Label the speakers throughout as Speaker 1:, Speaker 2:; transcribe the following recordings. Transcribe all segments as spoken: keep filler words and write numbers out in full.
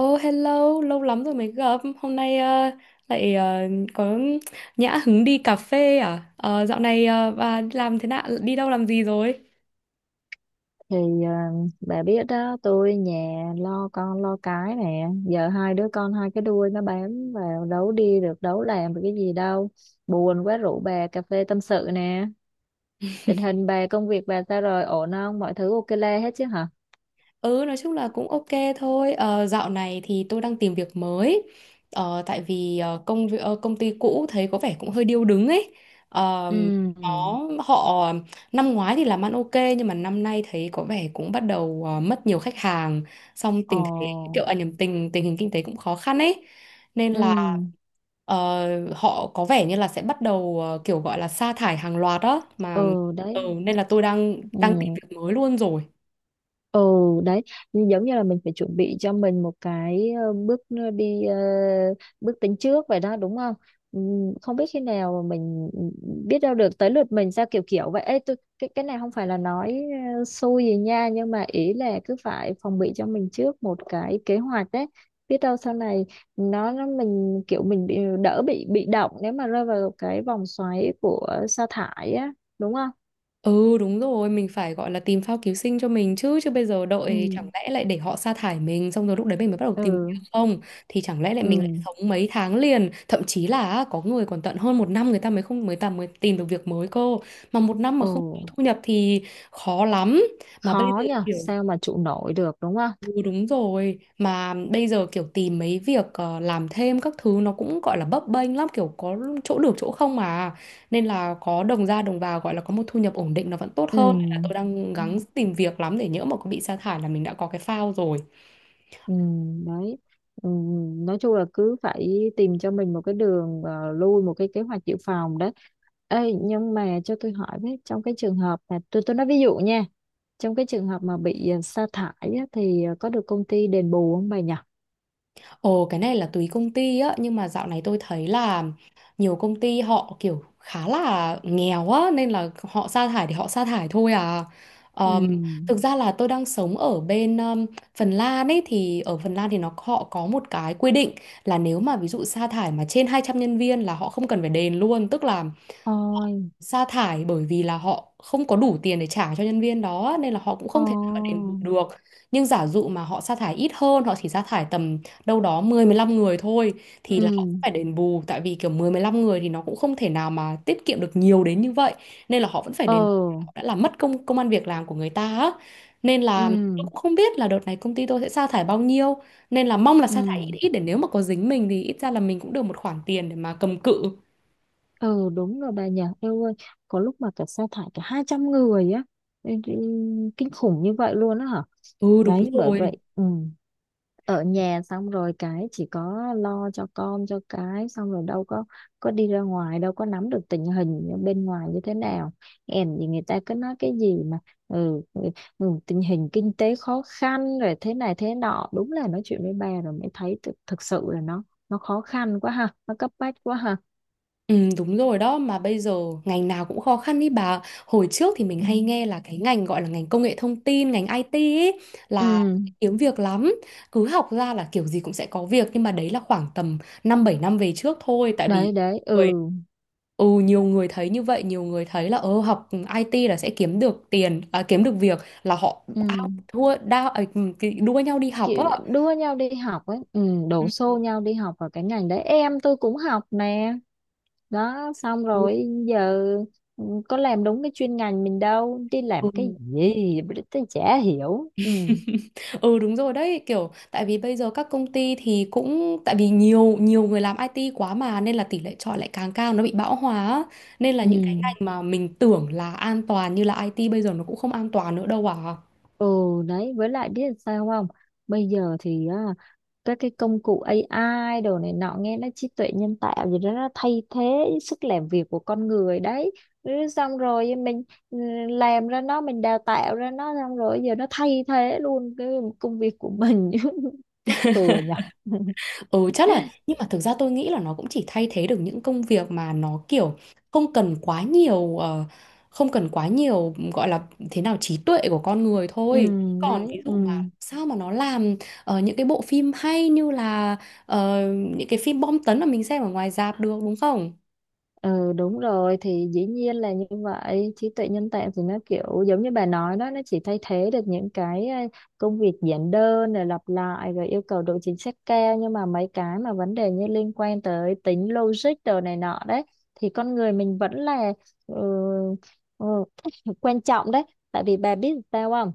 Speaker 1: Oh hello, lâu lắm rồi mới gặp. Hôm nay ờ, lại ờ, có nhã hứng đi cà phê à? Ờ, Dạo này ờ, bà đi làm thế nào? Đi đâu làm gì rồi?
Speaker 2: thì ờ, bà biết đó, tôi nhà lo con lo cái nè, giờ hai đứa con hai cái đuôi nó bám vào, đấu đi được đấu làm được cái gì đâu. Buồn quá rủ bà cà phê tâm sự nè. Tình hình bà, công việc bà sao rồi, ổn không, mọi thứ ok le hết chứ hả?
Speaker 1: Ừ, nói chung là cũng ok thôi. Ờ, Dạo này thì tôi đang tìm việc mới. Ờ, tại vì ờ, công vi- ờ, công ty cũ thấy có vẻ cũng hơi điêu đứng ấy. Ờ, nó
Speaker 2: Ừ.
Speaker 1: Họ năm ngoái thì làm ăn ok, nhưng mà năm nay thấy có vẻ cũng bắt đầu ờ, mất nhiều khách hàng. Xong tình thế
Speaker 2: Ồ.
Speaker 1: kiểu à, nhầm tình tình hình kinh tế cũng khó khăn ấy, nên là
Speaker 2: Ừ.
Speaker 1: Ờ, họ có vẻ như là sẽ bắt đầu ờ, kiểu gọi là sa thải hàng loạt đó mà.
Speaker 2: Ừ,
Speaker 1: Ừ,
Speaker 2: đấy.
Speaker 1: nên là tôi đang đang tìm
Speaker 2: Ừ.
Speaker 1: việc mới luôn rồi.
Speaker 2: Ừ, đấy, như- giống như là mình phải chuẩn bị cho mình một cái ờ, bước n- đi, ờ, bước tính trước vậy đó, đúng không? Ừm, không biết khi nào mà mình, ừ, biết đâu được tới lượt mình sao, kiểu kiểu vậy. Ê, tôi, cái cái này không phải là nói ờ, xui gì nha, nhưng mà ý là cứ phải phòng bị cho mình trước một cái kế hoạch đấy, biết đâu sau này nó, nó mình kiểu mình bị, đỡ bị bị động nếu mà rơi vào cái vòng xoáy của sa thải á, đúng không?
Speaker 1: Ừ đúng rồi, mình phải gọi là tìm phao cứu sinh cho mình, chứ chứ bây giờ
Speaker 2: Ừ.
Speaker 1: đợi chẳng lẽ lại để họ sa thải mình xong rồi lúc đấy mình mới bắt đầu tìm việc
Speaker 2: Ừ.
Speaker 1: không? Thì chẳng lẽ lại
Speaker 2: Ừ.
Speaker 1: mình lại sống mấy tháng liền, thậm chí là á, có người còn tận hơn một năm người ta mới không mới ta mới tìm được việc mới cơ. Mà một năm mà
Speaker 2: Ừ.
Speaker 1: không có thu nhập thì khó lắm. Mà bây giờ
Speaker 2: Khó nhờ,
Speaker 1: kiểu
Speaker 2: sao mà trụ nổi được, đúng không?
Speaker 1: Ừ, đúng rồi, mà bây giờ kiểu tìm mấy việc ờ, làm thêm các thứ nó cũng gọi là bấp bênh lắm, kiểu có chỗ được chỗ không mà, nên là có đồng ra đồng vào gọi là có một thu nhập ổn định nó vẫn tốt
Speaker 2: Ừ.
Speaker 1: hơn, nên là tôi đang gắng tìm việc lắm để nhỡ mà có bị sa thải là mình đã có cái phao rồi.
Speaker 2: Ừ, đấy. Ừ. Nói chung là cứ phải tìm cho mình một cái đường ờ, lui, một cái kế hoạch dự phòng đấy. Ê, nhưng mà cho tôi hỏi với, trong cái trường hợp mà tôi tôi nói ví dụ nha, trong cái trường hợp mà bị ờ, sa thải á, thì ờ, có được công ty đền bù không bà nhỉ?
Speaker 1: Ồ, cái này là tùy công ty á, nhưng mà dạo này tôi thấy là nhiều công ty họ kiểu khá là nghèo á, nên là họ sa thải thì họ sa thải thôi à.
Speaker 2: Ừ.
Speaker 1: Ờm, Thực ra là tôi đang sống ở bên ờm, Phần Lan ấy, thì ở Phần Lan thì nó họ có một cái quy định là nếu mà ví dụ sa thải mà trên hai trăm nhân viên là họ không cần phải đền luôn, tức là
Speaker 2: Ôi.
Speaker 1: sa thải bởi vì là họ không có đủ tiền để trả cho nhân viên đó nên là họ cũng
Speaker 2: Ồ.
Speaker 1: không thể nào mà đền bù được. Nhưng giả dụ mà họ sa thải ít hơn, họ chỉ sa thải tầm đâu đó mười mười lăm người thôi thì là họ sẽ
Speaker 2: Ừ.
Speaker 1: phải đền bù, tại vì kiểu mười mười lăm người thì nó cũng không thể nào mà tiết kiệm được nhiều đến như vậy, nên là họ vẫn phải
Speaker 2: Ờ.
Speaker 1: đền bù. Họ đã làm mất công công ăn việc làm của người ta á. Nên
Speaker 2: Ừ.
Speaker 1: là tôi cũng không biết là đợt này công ty tôi sẽ sa thải bao nhiêu, nên là mong là
Speaker 2: Ừ.
Speaker 1: sa thải ít ít để nếu mà có dính mình thì ít ra là mình cũng được một khoản tiền để mà cầm cự.
Speaker 2: Ừ, đúng rồi bà nhỉ, em ơi, có lúc mà cả sa thải cả hai trăm người á. Ê, ê, kinh khủng như vậy luôn á hả?
Speaker 1: Ừ đúng
Speaker 2: Đấy, bởi
Speaker 1: rồi.
Speaker 2: vậy. Ừ, ở nhà xong rồi cái chỉ có lo cho con cho cái, xong rồi đâu có có đi ra ngoài, đâu có nắm được tình hình ở bên ngoài như thế nào. Em thì người ta cứ nói cái gì mà, ừ, ừ, ừ, tình hình kinh tế khó khăn rồi thế này thế nọ, đúng là nói chuyện với bà rồi mới thấy thực, thực sự là nó nó khó khăn quá ha, nó cấp bách quá ha.
Speaker 1: Ừ, đúng rồi đó, mà bây giờ ngành nào cũng khó khăn ý bà. Hồi trước thì mình, Ừ, hay nghe là cái ngành gọi là ngành công nghệ thông tin, ngành ai ti ý, là
Speaker 2: Ừ.
Speaker 1: kiếm việc lắm, cứ học ra là kiểu gì cũng sẽ có việc, nhưng mà đấy là khoảng tầm năm bảy năm về trước thôi, tại vì
Speaker 2: Đấy, đấy.
Speaker 1: người-
Speaker 2: Ừ.
Speaker 1: ừ nhiều người thấy như vậy, nhiều người thấy là ờ học i tê là sẽ kiếm được tiền à, kiếm được việc, là họ
Speaker 2: Ừ,
Speaker 1: ao thua đao ấy, ừ, cái- đua nhau đi học á.
Speaker 2: kiểu đua nhau đi học ấy, ừ, đổ xô nhau đi học vào cái ngành đấy, em tôi cũng học nè, đó, xong
Speaker 1: Ừ.
Speaker 2: rồi giờ, ừ, có làm đúng cái chuyên ngành mình đâu, đi
Speaker 1: Ừ.
Speaker 2: làm cái gì tôi chả hiểu. Ừ.
Speaker 1: Ừ đúng rồi đấy, kiểu tại vì bây giờ các công ty thì cũng tại vì nhiều nhiều người làm i tê quá mà, nên là tỷ lệ chọi lại càng cao, nó bị bão hòa á. Nên là
Speaker 2: Ừ.
Speaker 1: những cái ngành mà mình tưởng là an toàn như là ai ti bây giờ nó cũng không an toàn nữa đâu à.
Speaker 2: Ừ, đấy, với lại biết sao không, bây giờ thì á, các cái công cụ a i đồ này nọ, nghe nó trí tuệ nhân tạo gì đó, nó thay thế sức làm việc của con người đấy. Ừ, xong rồi mình, ừ, làm ra nó, mình đào tạo ra nó, xong rồi giờ nó thay thế luôn cái công việc của mình. Mắc cười nhở.
Speaker 1: Ừ chắc là, nhưng mà thực ra tôi nghĩ là nó cũng chỉ thay thế được những công việc mà nó kiểu không cần quá nhiều, ờ, không cần quá nhiều gọi là thế nào, trí tuệ của con người
Speaker 2: Ừ,
Speaker 1: thôi. Còn
Speaker 2: đấy.
Speaker 1: ví
Speaker 2: Ừ.
Speaker 1: dụ mà sao mà nó làm ờ, những cái bộ phim hay như là ờ, những cái phim bom tấn mà mình xem ở ngoài rạp được, đúng không?
Speaker 2: Ừ, đúng rồi, thì dĩ nhiên là như vậy, trí tuệ nhân tạo thì nó kiểu giống như bà nói đó, nó chỉ thay thế được những cái ờ, công việc giản đơn, rồi lặp lại, rồi yêu cầu độ chính xác cao, nhưng mà mấy cái mà vấn đề như liên quan tới tính logic đồ này nọ đấy, thì con người mình vẫn là, ừ, ừ, quan trọng đấy. Tại vì bà biết sao không,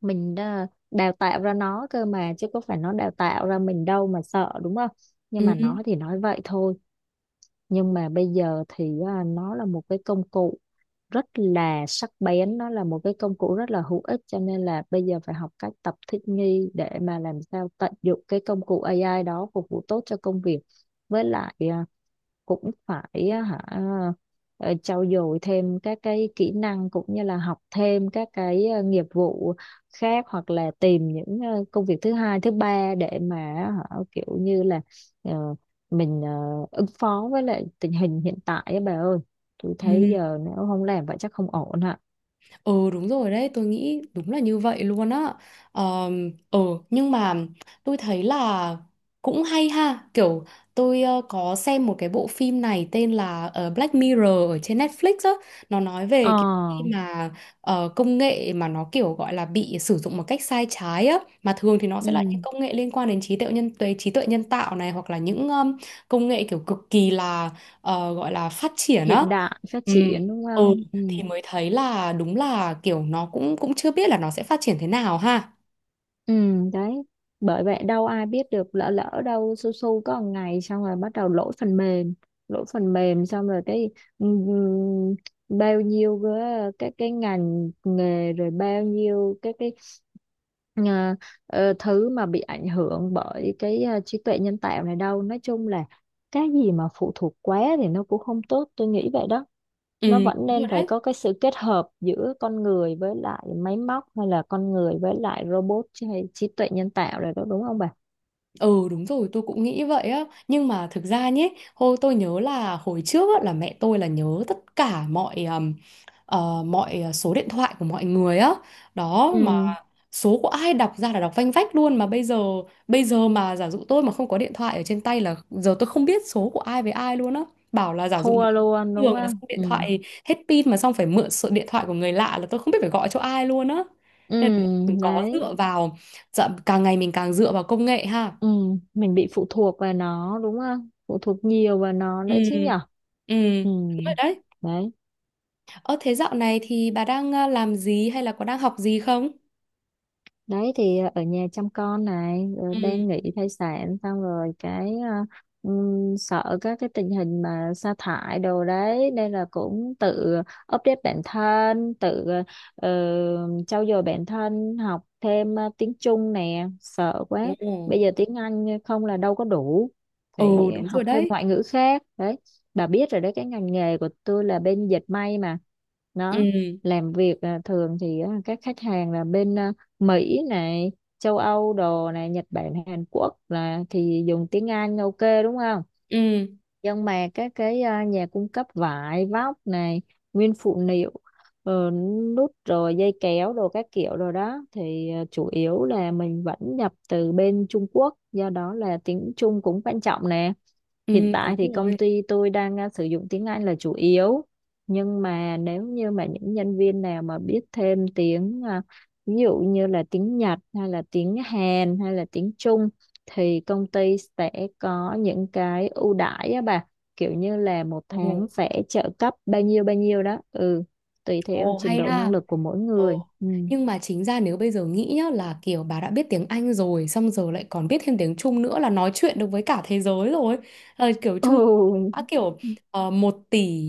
Speaker 2: mình ờ, đào tạo ra nó cơ mà, chứ có phải nó đào tạo ra mình đâu mà sợ, đúng không? Nhưng
Speaker 1: Ừ.
Speaker 2: mà nó thì nói vậy thôi, nhưng mà bây giờ thì à, nó là một cái công cụ rất là sắc bén, nó là một cái công cụ rất là hữu ích, cho nên là bây giờ phải học cách tập thích nghi để mà làm sao tận dụng cái công cụ a i đó phục vụ tốt cho công việc, với lại à, cũng phải á hả, ờ, trau dồi thêm các cái kỹ năng, cũng như là học thêm các cái ờ, nghiệp vụ khác, hoặc là tìm những ờ, công việc thứ hai thứ ba để mà, hả, kiểu như là ờ, mình ờ, ứng phó với lại tình hình hiện tại á bà ơi. Tôi thấy
Speaker 1: Ừ.
Speaker 2: giờ nếu không làm vậy chắc không ổn hả?
Speaker 1: Ừ đúng rồi đấy, tôi nghĩ đúng là như vậy luôn á. Ờm, Ừ, nhưng mà tôi thấy là cũng hay ha. Kiểu tôi ờ, có xem một cái bộ phim này tên là ờ, Black Mirror ở trên Netflix á. Nó nói về
Speaker 2: Ờ.
Speaker 1: cái khi mà ờ, công nghệ mà nó kiểu gọi là bị sử dụng một cách sai trái á. Mà thường thì nó sẽ là
Speaker 2: Ừ.
Speaker 1: những công nghệ liên quan đến trí tuệ nhân tuệ trí tuệ nhân tạo này, hoặc là những ờm, công nghệ kiểu cực kỳ là ờ, gọi là phát triển á.
Speaker 2: Hiện đại phát
Speaker 1: Ừ.
Speaker 2: triển, đúng
Speaker 1: Ừ
Speaker 2: không? Ừ.
Speaker 1: thì mới thấy là đúng là kiểu nó cũng cũng chưa biết là nó sẽ phát triển thế nào ha.
Speaker 2: Ừ, đấy. Bởi vậy đâu ai biết được, lỡ lỡ đâu su su có một ngày xong rồi bắt đầu lỗi phần mềm, lỗi phần mềm xong rồi cái, ừm, bao nhiêu cái cái cái ngành nghề, rồi bao nhiêu cái cái ờ, ờ, thứ mà bị ảnh hưởng bởi cái ờ, trí tuệ nhân tạo này đâu. Nói chung là cái gì mà phụ thuộc quá thì nó cũng không tốt, tôi nghĩ vậy đó.
Speaker 1: Ừ,
Speaker 2: Nó vẫn
Speaker 1: đúng rồi
Speaker 2: nên phải
Speaker 1: đấy.
Speaker 2: có cái sự kết hợp giữa con người với lại máy móc, hay là con người với lại robot chứ, hay trí tuệ nhân tạo rồi đó, đúng không bà?
Speaker 1: Ừ đúng rồi, tôi cũng nghĩ vậy á. Nhưng mà thực ra nhé, hồi tôi nhớ là hồi trước á, là mẹ tôi là nhớ tất cả mọi um, ờ, Mọi số điện thoại của mọi người á. Đó mà
Speaker 2: Ừ,
Speaker 1: số của ai đọc ra là đọc vanh vách luôn. Mà bây giờ bây giờ mà giả dụ tôi mà không có điện thoại ở trên tay là, giờ tôi không biết số của ai với ai luôn á. Bảo là giả dụ mà
Speaker 2: thua luôn đúng
Speaker 1: trường mà
Speaker 2: không?
Speaker 1: xong điện
Speaker 2: Ừ.
Speaker 1: thoại hết pin, mà xong phải mượn số điện thoại của người lạ là tôi không biết phải gọi cho ai luôn á.
Speaker 2: Ừ,
Speaker 1: Nên là đúng là mình có
Speaker 2: đấy.
Speaker 1: dựa vào dạ, càng ngày mình càng dựa vào công nghệ ha.
Speaker 2: Ừ, mình bị phụ thuộc vào nó đúng không? Phụ thuộc nhiều vào nó
Speaker 1: Ừ,
Speaker 2: nữa chứ nhở?
Speaker 1: ừ,
Speaker 2: Ừ.
Speaker 1: đúng rồi đấy.
Speaker 2: Đấy.
Speaker 1: Ờ thế dạo này thì bà đang à, làm gì hay là có đang học gì không?
Speaker 2: Đấy thì ờ, ở nhà chăm con này, rồi
Speaker 1: Ừ.
Speaker 2: đang nghỉ thai sản, xong rồi cái ờ, ừm, sợ các cái tình hình mà sa thải đồ đấy, nên là cũng tự update bản thân, tự ờ, trau dồi bản thân, học thêm ờ, tiếng Trung nè, sợ
Speaker 1: Ồ.
Speaker 2: quá. Bây giờ tiếng Anh không là đâu có đủ,
Speaker 1: Ồ
Speaker 2: phải
Speaker 1: đúng rồi
Speaker 2: học thêm
Speaker 1: đấy.
Speaker 2: ngoại ngữ khác đấy. Bà biết rồi đấy, cái ngành nghề của tôi là bên dệt may mà, nó
Speaker 1: Ừ,
Speaker 2: làm việc à, thường thì á, các khách hàng là bên ờ, Mỹ này, châu Âu đồ này, Nhật Bản, Hàn Quốc là thì dùng tiếng Anh ok, đúng không?
Speaker 1: ừ,
Speaker 2: Nhưng mà các cái à, nhà cung cấp vải, vóc này, nguyên phụ liệu, ờ, nút rồi dây kéo đồ các kiểu rồi đó, thì à, chủ yếu là mình vẫn nhập từ bên Trung Quốc, do đó là tiếng Trung cũng quan trọng nè.
Speaker 1: ừ,
Speaker 2: Hiện
Speaker 1: đúng
Speaker 2: tại thì công
Speaker 1: rồi.
Speaker 2: ty tôi đang à, sử dụng tiếng Anh là chủ yếu, nhưng mà nếu như mà những nhân viên nào mà biết thêm tiếng à, ví dụ như là tiếng Nhật, hay là tiếng Hàn, hay là tiếng Trung, thì công ty sẽ có những cái ưu đãi á bà, kiểu như là một
Speaker 1: Ồ,
Speaker 2: tháng sẽ trợ cấp bao nhiêu bao nhiêu đó, ừ, tùy theo
Speaker 1: ồ
Speaker 2: trình
Speaker 1: hay
Speaker 2: độ năng
Speaker 1: ha.
Speaker 2: lực của mỗi
Speaker 1: Ờ.
Speaker 2: người. Ừ.
Speaker 1: Nhưng mà chính ra nếu bây giờ nghĩ nhá, là kiểu bà đã biết tiếng Anh rồi xong giờ lại còn biết thêm tiếng Trung nữa, là nói chuyện được với cả thế giới rồi. Ờ, kiểu Trung Quốc
Speaker 2: Ồ.
Speaker 1: đã kiểu uh, một tỷ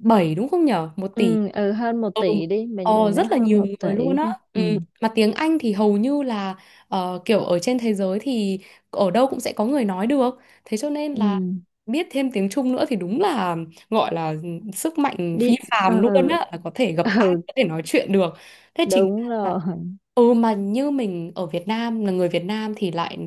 Speaker 1: bảy đúng không nhở? Một tỷ.
Speaker 2: Ừ. Ừ, hơn một
Speaker 1: Ừ.
Speaker 2: tỷ đi, mình
Speaker 1: Ờ,
Speaker 2: mình
Speaker 1: rất
Speaker 2: nói
Speaker 1: là
Speaker 2: hơn
Speaker 1: nhiều
Speaker 2: một tỷ
Speaker 1: người luôn á.
Speaker 2: đi. Ừ.
Speaker 1: Ừ. Mà tiếng Anh thì hầu như là ờ, kiểu ở trên thế giới thì ở đâu cũng sẽ có người nói được. Thế cho nên
Speaker 2: Ừ.
Speaker 1: là biết thêm tiếng Trung nữa thì đúng là gọi là sức mạnh phi
Speaker 2: Đi. Ừ.
Speaker 1: phàm luôn á, là có thể gặp ai
Speaker 2: Ừ,
Speaker 1: có thể nói chuyện được. Thế chính
Speaker 2: đúng
Speaker 1: lại-
Speaker 2: rồi.
Speaker 1: Ừ mà như mình ở Việt Nam là người Việt Nam thì lại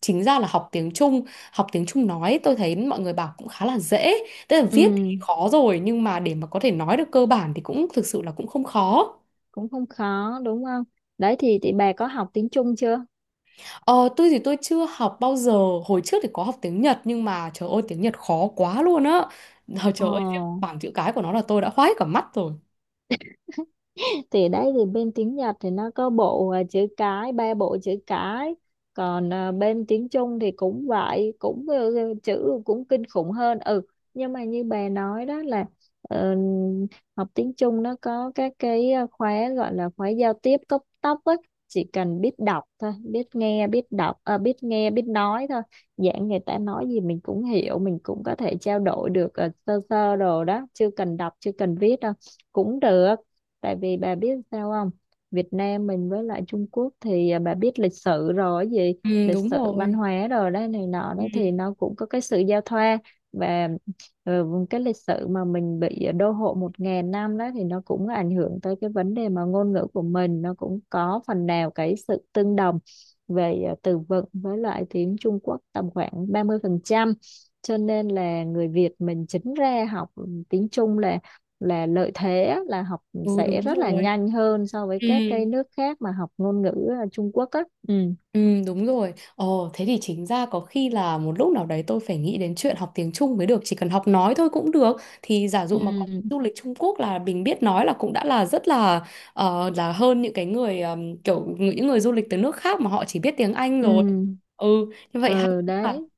Speaker 1: chính ra là học tiếng Trung, học tiếng Trung nói tôi thấy mọi người bảo cũng khá là dễ, tức là
Speaker 2: Ừ,
Speaker 1: viết thì khó rồi, nhưng mà để mà có thể nói được cơ bản thì cũng thực sự là cũng không khó.
Speaker 2: cũng không khó đúng không? Đấy thì thì bà có học tiếng Trung chưa?
Speaker 1: Ờ, tôi thì tôi chưa học bao giờ, hồi trước thì có học tiếng Nhật nhưng mà trời ơi tiếng Nhật khó quá luôn á. Ờ,
Speaker 2: Ờ
Speaker 1: trời ơi riêng bảng chữ cái của nó là tôi đã khoái cả mắt rồi.
Speaker 2: thì đấy, thì bên tiếng Nhật thì nó có bộ à, chữ cái, ba bộ chữ cái, còn à, bên tiếng Trung thì cũng vậy, cũng, ừ, chữ cũng kinh khủng hơn. Ừ, nhưng mà như bà nói đó là ờ, học tiếng Trung nó có các cái à, khóa gọi là khóa giao tiếp cấp tốc ấy, chỉ cần biết đọc thôi, biết nghe biết đọc à, biết nghe biết nói thôi, dạng người ta nói gì mình cũng hiểu, mình cũng có thể trao đổi được ờ, sơ sơ đồ đó, chưa cần đọc chưa cần viết đâu cũng được. Tại vì bà biết sao không, Việt Nam mình với lại Trung Quốc thì à, bà biết lịch sử rồi, cái gì
Speaker 1: Ừ
Speaker 2: lịch
Speaker 1: đúng
Speaker 2: sử văn
Speaker 1: rồi.
Speaker 2: hóa rồi đấy này nọ
Speaker 1: Ừ,
Speaker 2: đó, thì nó cũng có cái sự giao thoa, và, ừ, cái lịch sử mà mình bị đô hộ một ngàn năm đó, thì nó cũng ảnh hưởng tới cái vấn đề mà ngôn ngữ của mình, nó cũng có phần nào cái sự tương đồng về à, từ vựng với lại tiếng Trung Quốc tầm khoảng ba mươi phần trăm, cho nên là người Việt mình chính ra học tiếng Trung là là lợi thế á, là học
Speaker 1: ừ
Speaker 2: sẽ
Speaker 1: đúng
Speaker 2: rất là
Speaker 1: rồi.
Speaker 2: nhanh hơn so với
Speaker 1: Ừ.
Speaker 2: các cái nước khác mà học ngôn ngữ à, Trung Quốc á. Ừ.
Speaker 1: Ừ, đúng rồi. Ồ, thế thì chính ra có khi là một lúc nào đấy tôi phải nghĩ đến chuyện học tiếng Trung mới được. Chỉ cần học nói thôi cũng được. Thì giả dụ mà có
Speaker 2: Ừ.
Speaker 1: du lịch Trung Quốc là mình biết nói là cũng đã là rất là, ờ, là hơn những cái người, ờm, kiểu những người du lịch từ nước khác mà họ chỉ biết tiếng Anh
Speaker 2: Ừ.
Speaker 1: rồi. Ừ, như vậy hay
Speaker 2: Ừ,
Speaker 1: ha.
Speaker 2: đấy.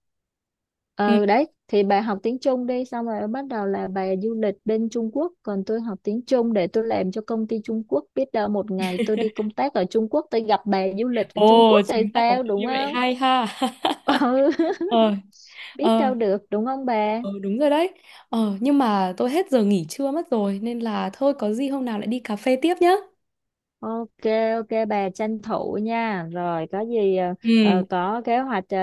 Speaker 1: Ừ.
Speaker 2: Ừ, đấy thì bà học tiếng Trung đi, xong rồi bắt đầu là bà du lịch bên Trung Quốc, còn tôi học tiếng Trung để tôi làm cho công ty Trung Quốc, biết đâu một ngày tôi đi công tác ở Trung Quốc, tôi gặp bà du lịch ở Trung Quốc
Speaker 1: Ồ,
Speaker 2: thì
Speaker 1: chính ra có
Speaker 2: sao, đúng
Speaker 1: như vậy
Speaker 2: không?
Speaker 1: hay ha.
Speaker 2: Ừ,
Speaker 1: Ờ,
Speaker 2: biết
Speaker 1: ờ,
Speaker 2: đâu được đúng không bà.
Speaker 1: ờ, Đúng rồi đấy. Ờ, nhưng mà tôi hết giờ nghỉ trưa mất rồi nên là thôi có gì hôm nào lại đi cà phê tiếp nhá.
Speaker 2: Ok, ok bà tranh thủ nha. Rồi có gì ờ,
Speaker 1: Ừ.
Speaker 2: ờ, có kế hoạch ờ,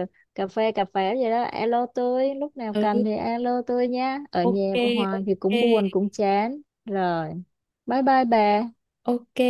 Speaker 2: ờ, cà phê cà phê gì đó alo tôi, lúc nào
Speaker 1: Ừ.
Speaker 2: cần thì alo tôi nha. Ở
Speaker 1: ok
Speaker 2: nhà hoài thì cũng buồn
Speaker 1: ok
Speaker 2: cũng chán. Rồi, bye bye bà.
Speaker 1: ok